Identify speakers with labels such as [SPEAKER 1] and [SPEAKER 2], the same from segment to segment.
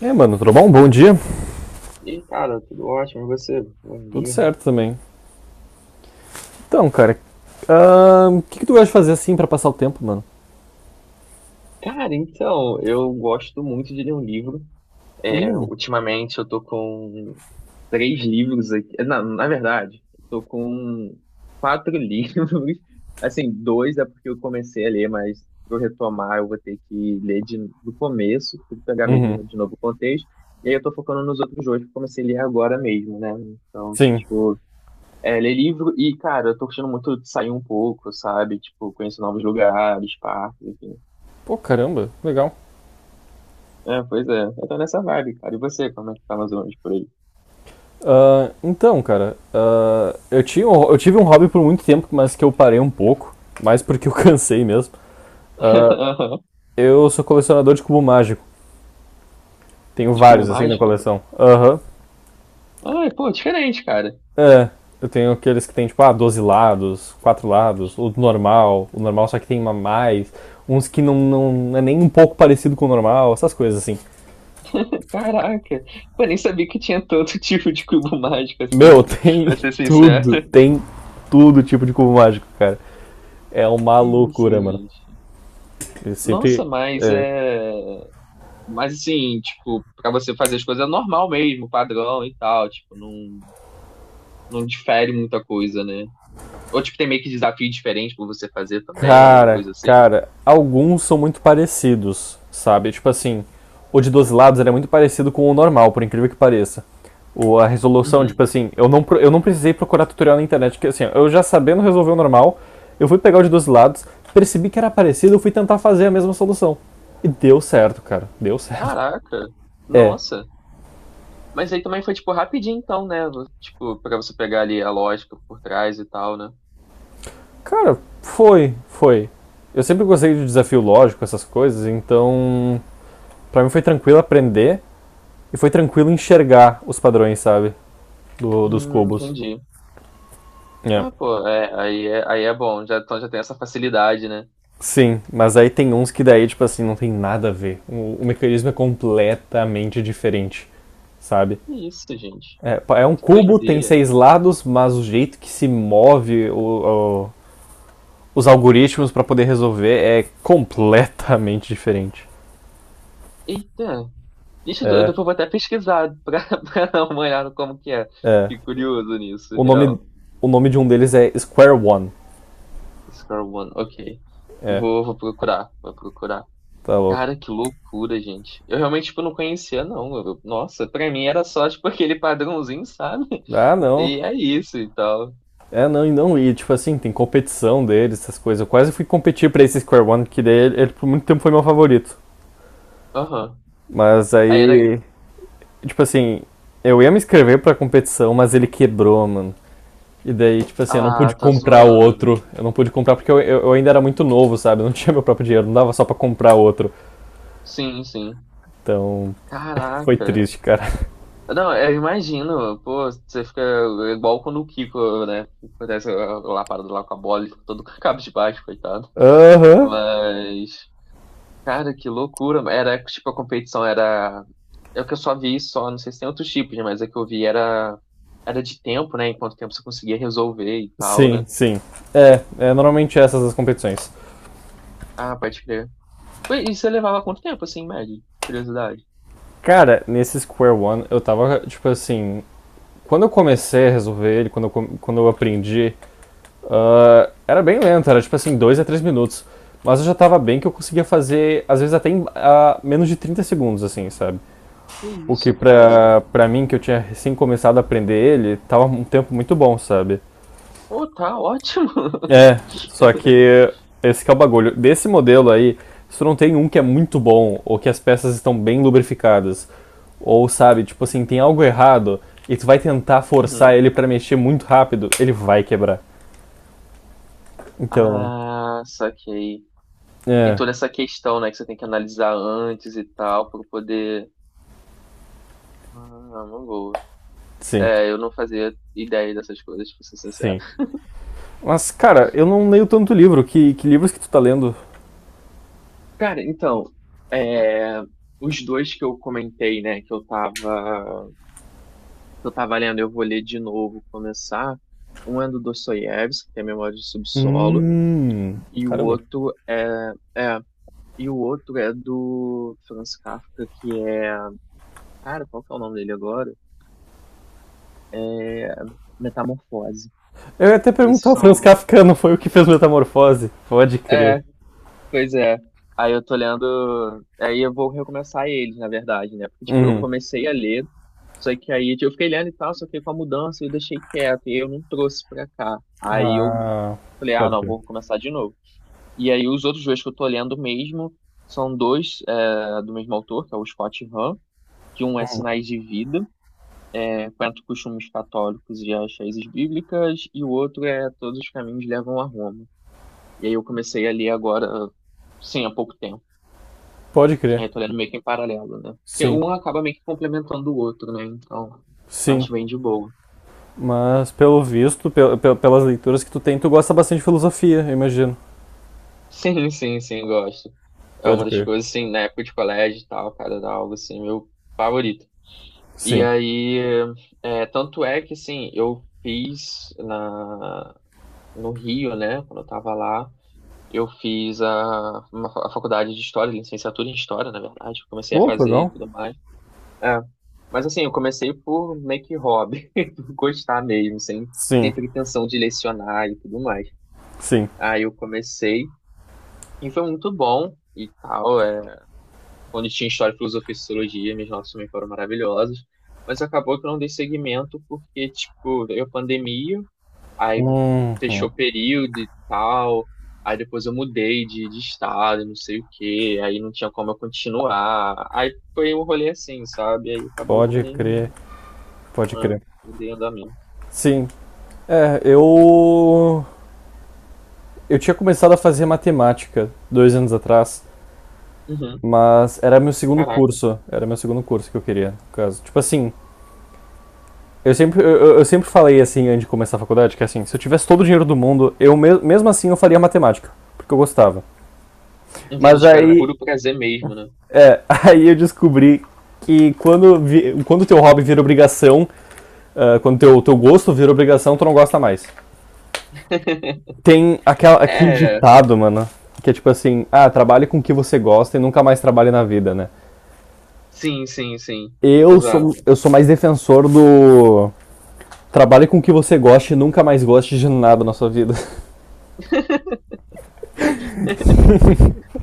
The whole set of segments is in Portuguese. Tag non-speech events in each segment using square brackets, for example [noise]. [SPEAKER 1] É, mano, tudo bom? Bom dia.
[SPEAKER 2] E aí, cara, tudo ótimo, e você? Bom
[SPEAKER 1] Tudo
[SPEAKER 2] dia.
[SPEAKER 1] certo também. Então, cara, o que que tu gosta de fazer assim pra passar o tempo, mano?
[SPEAKER 2] Cara, então, eu gosto muito de ler um livro. É,
[SPEAKER 1] Hum,
[SPEAKER 2] ultimamente eu tô com três livros aqui. É, na verdade, eu tô com quatro [laughs] livros. Assim, dois é porque eu comecei a ler, mas pra eu retomar, eu vou ter que ler do começo, tem que pegar
[SPEAKER 1] Uhum.
[SPEAKER 2] mesmo de novo o contexto. E aí eu tô focando nos outros dois que eu comecei a ler agora mesmo, né? Então,
[SPEAKER 1] Sim.
[SPEAKER 2] tipo. É, ler livro e, cara, eu tô gostando muito de sair um pouco, sabe? Tipo, conhecer novos lugares, parques, enfim.
[SPEAKER 1] Pô, caramba, legal.
[SPEAKER 2] É, pois é, eu tô nessa vibe, cara. E você, como é que tá mais ou menos por aí?
[SPEAKER 1] Então, cara, eu tinha, eu tive um hobby por muito tempo, mas que eu parei um pouco, mais porque eu [laughs] cansei mesmo. Ah,
[SPEAKER 2] [laughs]
[SPEAKER 1] eu sou colecionador de cubo mágico. Tenho
[SPEAKER 2] De cubo
[SPEAKER 1] vários assim na
[SPEAKER 2] mágico?
[SPEAKER 1] coleção. Aham.
[SPEAKER 2] Ai, pô, diferente, cara.
[SPEAKER 1] É, eu tenho aqueles que tem, tipo, 12 lados, 4 lados, o normal só que tem uma mais, uns que não é nem um pouco parecido com o normal, essas coisas assim.
[SPEAKER 2] Caraca, eu nem sabia que tinha tanto [laughs] tipo de cubo mágico assim,
[SPEAKER 1] Meu, [laughs] tem
[SPEAKER 2] pra ser sincero.
[SPEAKER 1] tudo, tem tudo tipo de cubo mágico, cara. É uma
[SPEAKER 2] Que isso,
[SPEAKER 1] loucura, mano.
[SPEAKER 2] gente.
[SPEAKER 1] Eu
[SPEAKER 2] Nossa,
[SPEAKER 1] sempre.
[SPEAKER 2] mas
[SPEAKER 1] É.
[SPEAKER 2] é. Mas assim, tipo, pra você fazer as coisas é normal mesmo, padrão e tal, tipo, não difere muita coisa, né? Ou tipo, tem meio que desafio diferente pra você fazer também, ou
[SPEAKER 1] Cara,
[SPEAKER 2] coisa assim?
[SPEAKER 1] cara, alguns são muito parecidos, sabe? Tipo assim, o de 12 lados ele é muito parecido com o normal, por incrível que pareça. O, a resolução, tipo
[SPEAKER 2] Uhum.
[SPEAKER 1] assim, eu não precisei procurar tutorial na internet, porque assim, eu já sabendo resolver o normal, eu fui pegar o de 12 lados, percebi que era parecido, eu fui tentar fazer a mesma solução. E deu certo, cara, deu certo. [laughs]
[SPEAKER 2] Caraca,
[SPEAKER 1] É,
[SPEAKER 2] nossa. Mas aí também foi, tipo, rapidinho então, né? Tipo, pra você pegar ali a lógica por trás e tal, né?
[SPEAKER 1] cara, foi. Eu sempre gostei de desafio lógico, essas coisas, então pra mim foi tranquilo aprender. E foi tranquilo enxergar os padrões, sabe? Dos cubos.
[SPEAKER 2] Entendi.
[SPEAKER 1] É.
[SPEAKER 2] Ah, pô, é, aí é, aí é bom, já, então já tem essa facilidade, né?
[SPEAKER 1] Sim, mas aí tem uns que daí, tipo assim, não tem nada a ver. O mecanismo é completamente diferente, sabe?
[SPEAKER 2] Que isso, gente.
[SPEAKER 1] É, é um
[SPEAKER 2] Que
[SPEAKER 1] cubo, tem
[SPEAKER 2] doideira.
[SPEAKER 1] 6 lados, mas o jeito que se move os algoritmos pra poder resolver é completamente diferente.
[SPEAKER 2] Eita. Deixa, eu
[SPEAKER 1] É,
[SPEAKER 2] depois vou até pesquisar pra, [laughs] pra dar uma olhada como que é.
[SPEAKER 1] é.
[SPEAKER 2] Fiquei curioso nisso,
[SPEAKER 1] O nome,
[SPEAKER 2] real.
[SPEAKER 1] o nome de um deles é Square One.
[SPEAKER 2] Score One, ok.
[SPEAKER 1] É,
[SPEAKER 2] Vou, vou procurar, vou procurar.
[SPEAKER 1] tá
[SPEAKER 2] Cara,
[SPEAKER 1] louco.
[SPEAKER 2] que loucura, gente. Eu realmente, tipo, não conhecia, não. Eu- nossa, pra mim era só, tipo, [laughs] aquele padrãozinho, sabe?
[SPEAKER 1] Ah,
[SPEAKER 2] [laughs]
[SPEAKER 1] não.
[SPEAKER 2] E é isso e tal.
[SPEAKER 1] É, não, e não, e tipo assim, tem competição deles, essas coisas. Eu quase fui competir pra esse Square One, que daí ele por muito tempo foi meu favorito.
[SPEAKER 2] Aham.
[SPEAKER 1] Mas
[SPEAKER 2] Aí era.
[SPEAKER 1] aí, tipo assim, eu ia me inscrever pra competição, mas ele quebrou, mano. E daí, tipo assim, eu não
[SPEAKER 2] Ah,
[SPEAKER 1] pude
[SPEAKER 2] tá
[SPEAKER 1] comprar o
[SPEAKER 2] zoando.
[SPEAKER 1] outro. Eu não pude comprar porque eu ainda era muito novo, sabe? Eu não [laughs] tinha meu próprio dinheiro, não dava só pra comprar outro.
[SPEAKER 2] Sim, sim.
[SPEAKER 1] Então, foi
[SPEAKER 2] Caraca.
[SPEAKER 1] triste, cara.
[SPEAKER 2] Não, eu imagino. Pô, você fica igual quando o Kiko, né? Acontece lá lapada lá com a bola, ele fica todo [laughs] cabisbaixo, coitado.
[SPEAKER 1] [laughs] Aham.
[SPEAKER 2] Mas. Cara, que loucura. Era tipo a competição era. É o que eu só vi só, não sei se tem outros tipos, né? Mas a que eu vi era era de tempo, né? Em quanto tempo você conseguia resolver e tal, né?
[SPEAKER 1] Sim, sim. É, normalmente é essas as competições.
[SPEAKER 2] Ah, pode crer. Ué, e você levava quanto tempo, assim, em média? Curiosidade.
[SPEAKER 1] Cara, nesse Square One, eu tava, tipo assim, quando eu comecei a resolver ele, quando eu aprendi, era bem lento, era tipo assim, 2 a 3 minutos. Mas eu já tava bem que eu conseguia fazer, às vezes até em menos de 30 segundos, assim, sabe?
[SPEAKER 2] Que
[SPEAKER 1] O que
[SPEAKER 2] isso, cara?
[SPEAKER 1] pra mim, que eu tinha recém começado a aprender ele, tava um tempo muito bom, sabe?
[SPEAKER 2] Pô, tá ótimo.
[SPEAKER 1] É, só
[SPEAKER 2] [laughs]
[SPEAKER 1] que esse que é o bagulho. Desse modelo aí, se tu não tem um que é muito bom, ou que as peças estão bem lubrificadas, ou sabe, tipo assim, tem algo errado, e tu vai tentar forçar
[SPEAKER 2] Uhum.
[SPEAKER 1] ele pra mexer muito rápido, ele vai quebrar. Então,
[SPEAKER 2] Ah, saquei. Tem
[SPEAKER 1] é,
[SPEAKER 2] toda essa questão, né, que você tem que analisar antes e tal, pra poder. Ah, uma boa.
[SPEAKER 1] sim,
[SPEAKER 2] É, eu não fazia ideia dessas coisas, pra ser sincero.
[SPEAKER 1] sim. Mas, cara, eu não leio tanto livro. Que livros que tu tá lendo?
[SPEAKER 2] Cara, então, é, os dois que eu comentei, né, que eu tava lendo, eu vou ler de novo, começar. Um é do Dostoiévski, que é Memórias do Subsolo,
[SPEAKER 1] Hum,
[SPEAKER 2] e o
[SPEAKER 1] caramba.
[SPEAKER 2] outro é, é, e o outro é do Franz Kafka, que é, cara, qual que é o nome dele agora? É Metamorfose.
[SPEAKER 1] Eu ia até
[SPEAKER 2] Esses
[SPEAKER 1] perguntar, o Franz
[SPEAKER 2] são,
[SPEAKER 1] Kafka não foi o que fez Metamorfose? Pode
[SPEAKER 2] é,
[SPEAKER 1] crer.
[SPEAKER 2] pois é. Aí eu tô lendo. Aí eu vou recomeçar eles, na verdade, né? Porque, tipo, eu
[SPEAKER 1] Uhum.
[SPEAKER 2] comecei a ler, só que aí tipo, eu fiquei lendo e tal, só que com a mudança eu deixei quieto, e eu não trouxe pra cá. Aí eu
[SPEAKER 1] Ah,
[SPEAKER 2] falei, ah,
[SPEAKER 1] pode
[SPEAKER 2] não,
[SPEAKER 1] crer.
[SPEAKER 2] vou começar de novo. E aí os outros dois que eu tô lendo mesmo são dois do mesmo autor, que é o Scott Hahn, que um é Sinais de Vida, é, Quanto Costumes Católicos e as Raízes Bíblicas, e o outro é Todos os Caminhos Levam a Roma. E aí eu comecei a ler agora, sim, há pouco tempo.
[SPEAKER 1] Pode crer.
[SPEAKER 2] É, tô lendo meio que em paralelo, né? Porque
[SPEAKER 1] Sim,
[SPEAKER 2] um acaba meio que complementando o outro, né? Então,
[SPEAKER 1] sim.
[SPEAKER 2] acho bem de boa. [laughs]
[SPEAKER 1] Mas pelo visto, pelas leituras que tu tem, tu gosta bastante de filosofia, eu imagino.
[SPEAKER 2] Sim, sim, sim, gosto. É
[SPEAKER 1] Pode
[SPEAKER 2] uma das
[SPEAKER 1] crer.
[SPEAKER 2] coisas, assim, na época de colégio e tal, cara, era algo, assim, meu favorito. E
[SPEAKER 1] Sim.
[SPEAKER 2] aí, é, tanto é que, assim, eu fiz no Rio, né, quando eu tava lá, eu fiz a, uma, a faculdade de História, licenciatura em História, na verdade, eu comecei a
[SPEAKER 1] Pô, que
[SPEAKER 2] fazer e
[SPEAKER 1] legal.
[SPEAKER 2] tudo mais. É. Mas assim, eu comecei por meio que hobby, [laughs] por gostar mesmo, sem,
[SPEAKER 1] Sim,
[SPEAKER 2] sem pretensão de lecionar e tudo mais.
[SPEAKER 1] sim.
[SPEAKER 2] Aí eu comecei e foi muito bom e tal. É, quando tinha história, filosofia e sociologia, minhas notas também foram maravilhosas. Mas acabou que eu não dei seguimento porque, tipo, veio a pandemia, aí
[SPEAKER 1] Hum,
[SPEAKER 2] fechou o
[SPEAKER 1] hum.
[SPEAKER 2] período e tal. Aí depois eu mudei de estado, não sei o quê, aí não tinha como eu continuar. Aí foi um rolê assim, sabe? Aí acabou que eu
[SPEAKER 1] Pode
[SPEAKER 2] nem.
[SPEAKER 1] crer, pode
[SPEAKER 2] Ah,
[SPEAKER 1] crer.
[SPEAKER 2] dei andamento.
[SPEAKER 1] Sim. É, eu. Eu tinha começado a fazer matemática 2 anos atrás,
[SPEAKER 2] Uhum.
[SPEAKER 1] mas era meu segundo
[SPEAKER 2] Caraca.
[SPEAKER 1] curso. Era meu segundo curso que eu queria, no caso. Tipo assim, eu sempre falei assim antes de começar a faculdade, que assim, se eu tivesse todo o dinheiro do mundo, mesmo assim eu faria matemática, porque eu gostava.
[SPEAKER 2] Entendi,
[SPEAKER 1] Mas
[SPEAKER 2] tipo, era
[SPEAKER 1] aí,
[SPEAKER 2] puro prazer mesmo, né?
[SPEAKER 1] é, [laughs] aí eu descobri que quando teu hobby vira obrigação, teu gosto vira obrigação, tu não gosta mais.
[SPEAKER 2] [laughs]
[SPEAKER 1] Tem aquele
[SPEAKER 2] É,
[SPEAKER 1] ditado, mano, que é tipo assim, ah, trabalhe com o que você gosta e nunca mais trabalhe na vida, né?
[SPEAKER 2] sim, sim, sim. Exato.
[SPEAKER 1] Eu sou mais defensor do trabalhe com o que você goste e nunca mais goste de nada na sua vida.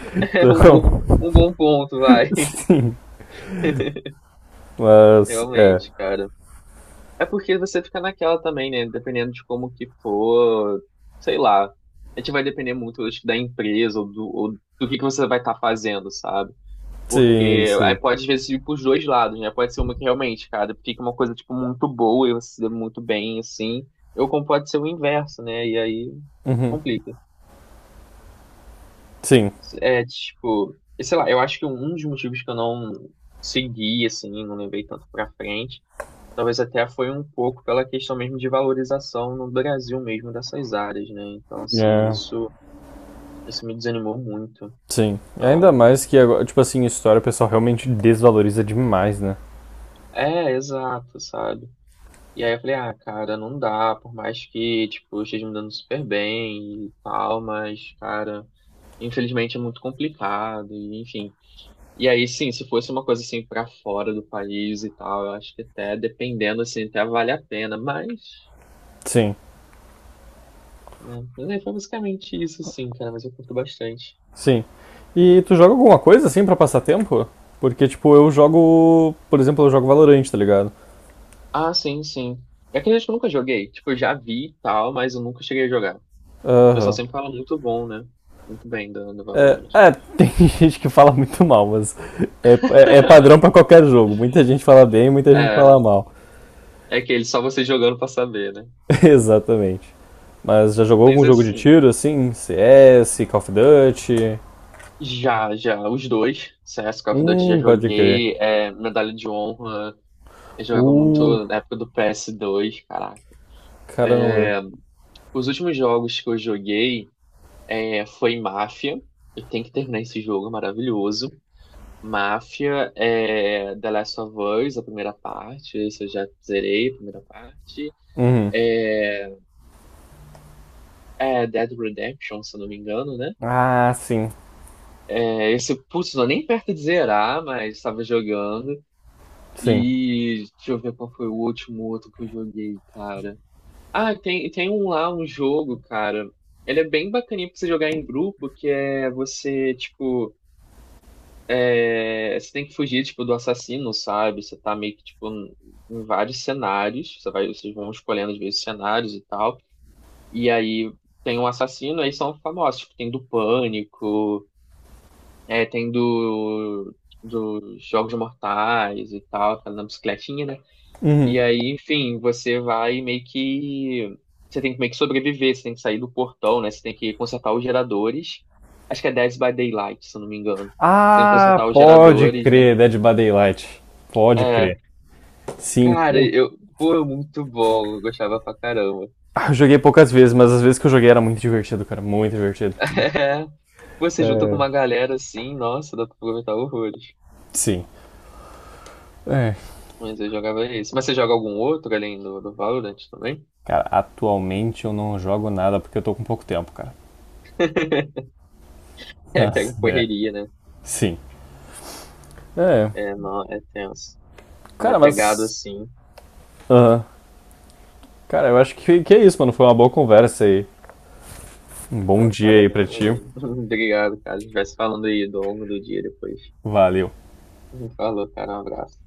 [SPEAKER 2] [laughs]
[SPEAKER 1] [laughs]
[SPEAKER 2] É
[SPEAKER 1] Então,
[SPEAKER 2] um bom ponto, vai. [laughs]
[SPEAKER 1] sim, mas, é.
[SPEAKER 2] Realmente, cara. É porque você fica naquela também, né? Dependendo de como que for, sei lá. A gente vai depender muito, acho que, da empresa ou ou do que você vai estar fazendo, sabe?
[SPEAKER 1] Sim,
[SPEAKER 2] Porque aí
[SPEAKER 1] sim.
[SPEAKER 2] pode, às vezes, ir pros dois lados, né? Pode ser uma que realmente, cara, fica uma coisa, tipo, muito boa e você se dá muito bem, assim. Ou como pode ser o inverso, né? E aí
[SPEAKER 1] Uhum,
[SPEAKER 2] complica.
[SPEAKER 1] sim.
[SPEAKER 2] É, tipo, e sei lá, eu acho que um dos motivos que eu não segui, assim, não levei tanto pra frente, talvez até foi um pouco pela questão mesmo de valorização no Brasil mesmo dessas áreas, né? Então, assim,
[SPEAKER 1] É.
[SPEAKER 2] isso me desanimou muito.
[SPEAKER 1] Sim. Ainda
[SPEAKER 2] Então,
[SPEAKER 1] mais que agora, tipo assim, história o pessoal realmente desvaloriza demais, né?
[SPEAKER 2] é, exato, sabe? E aí eu falei, ah, cara, não dá, por mais que, tipo, eu esteja me dando super bem e tal, mas, cara, infelizmente é muito complicado, e, enfim. E aí, sim, se fosse uma coisa assim pra fora do país e tal, eu acho que até, dependendo, assim, até vale a pena, mas,
[SPEAKER 1] Sim,
[SPEAKER 2] né, mas aí foi basicamente isso, sim, cara, mas eu curto bastante.
[SPEAKER 1] sim. E tu joga alguma coisa assim pra passar tempo? Porque, tipo, eu jogo. Por exemplo, eu jogo Valorant, tá ligado?
[SPEAKER 2] Ah, sim, sim. É que eu nunca joguei, tipo, eu já vi e tal, mas eu nunca cheguei a jogar. O pessoal
[SPEAKER 1] Aham.
[SPEAKER 2] sempre fala muito bom, né? Muito bem do, do
[SPEAKER 1] É,
[SPEAKER 2] Valorant.
[SPEAKER 1] é, [laughs] tem gente que fala muito mal, mas é padrão pra qualquer jogo. Muita gente fala bem, muita gente
[SPEAKER 2] É,
[SPEAKER 1] fala mal.
[SPEAKER 2] é que ele só você jogando pra saber, né?
[SPEAKER 1] [laughs] Exatamente. Mas já jogou
[SPEAKER 2] Mas
[SPEAKER 1] algum jogo de
[SPEAKER 2] assim,
[SPEAKER 1] tiro, assim? CS, Call of Duty?
[SPEAKER 2] já, já, os dois, CS Call of Duty já
[SPEAKER 1] Pode crer.
[SPEAKER 2] joguei, é, Medalha de Honra, eu jogava
[SPEAKER 1] Uh,
[SPEAKER 2] muito na época do PS2, caraca.
[SPEAKER 1] caramba.
[SPEAKER 2] Os últimos jogos que eu joguei foi Mafia, eu tenho que terminar esse jogo, é maravilhoso. Mafia, é, The Last of Us, a primeira parte, esse eu já zerei, a primeira parte.
[SPEAKER 1] Uhum.
[SPEAKER 2] É, Dead Redemption, se eu não me engano, né?
[SPEAKER 1] Ah, sim,
[SPEAKER 2] É, esse, putz, não é nem perto de zerar, mas estava jogando.
[SPEAKER 1] sim.
[SPEAKER 2] E deixa eu ver qual foi o último outro que eu joguei, cara. Ah, tem um lá, um jogo, cara. Ele é bem bacaninha pra você jogar em grupo, que é você, tipo, você tem que fugir, tipo, do assassino, sabe? Você tá meio que, tipo, em vários cenários. Você vai, vocês vão escolhendo, às vezes, cenários e tal. E aí tem um assassino, aí são famosos, tipo, tem do Pânico, tem dos Jogos Mortais e tal, tá na bicicletinha, né?
[SPEAKER 1] Uhum.
[SPEAKER 2] E aí, enfim, você vai meio que. Você tem que meio que sobreviver, você tem que sair do portão, né? Você tem que consertar os geradores. Acho que é Dead by Daylight, se eu não me engano. Você tem que
[SPEAKER 1] Ah,
[SPEAKER 2] consertar os
[SPEAKER 1] pode
[SPEAKER 2] geradores, né?
[SPEAKER 1] crer, Dead by Daylight. Pode crer.
[SPEAKER 2] É.
[SPEAKER 1] Sim.
[SPEAKER 2] Cara,
[SPEAKER 1] Pô,
[SPEAKER 2] eu. Pô, é muito bom. Eu gostava pra caramba. [laughs]
[SPEAKER 1] ah, eu joguei poucas vezes, mas as vezes que eu joguei era muito divertido, cara. Muito divertido.
[SPEAKER 2] É. Você junta com uma galera assim, nossa, dá pra aproveitar horrores.
[SPEAKER 1] Sim. É.
[SPEAKER 2] Mas eu jogava esse. Mas você joga algum outro além do Valorant também? [laughs]
[SPEAKER 1] Cara, atualmente eu não jogo nada porque eu tô com pouco tempo, cara.
[SPEAKER 2] É, pega
[SPEAKER 1] [laughs] É.
[SPEAKER 2] correria, né?
[SPEAKER 1] Sim. É.
[SPEAKER 2] É, não, é tenso. Quando é
[SPEAKER 1] Cara,
[SPEAKER 2] pegado
[SPEAKER 1] mas.
[SPEAKER 2] assim.
[SPEAKER 1] Aham. Cara, eu acho que é isso, mano. Foi uma boa conversa aí. Um bom
[SPEAKER 2] Pô,
[SPEAKER 1] dia
[SPEAKER 2] cara,
[SPEAKER 1] aí pra
[SPEAKER 2] tamo
[SPEAKER 1] ti.
[SPEAKER 2] aí. [laughs] Obrigado, cara. A gente vai se falando aí ao longo do dia depois.
[SPEAKER 1] Valeu.
[SPEAKER 2] Falou, cara. Um abraço.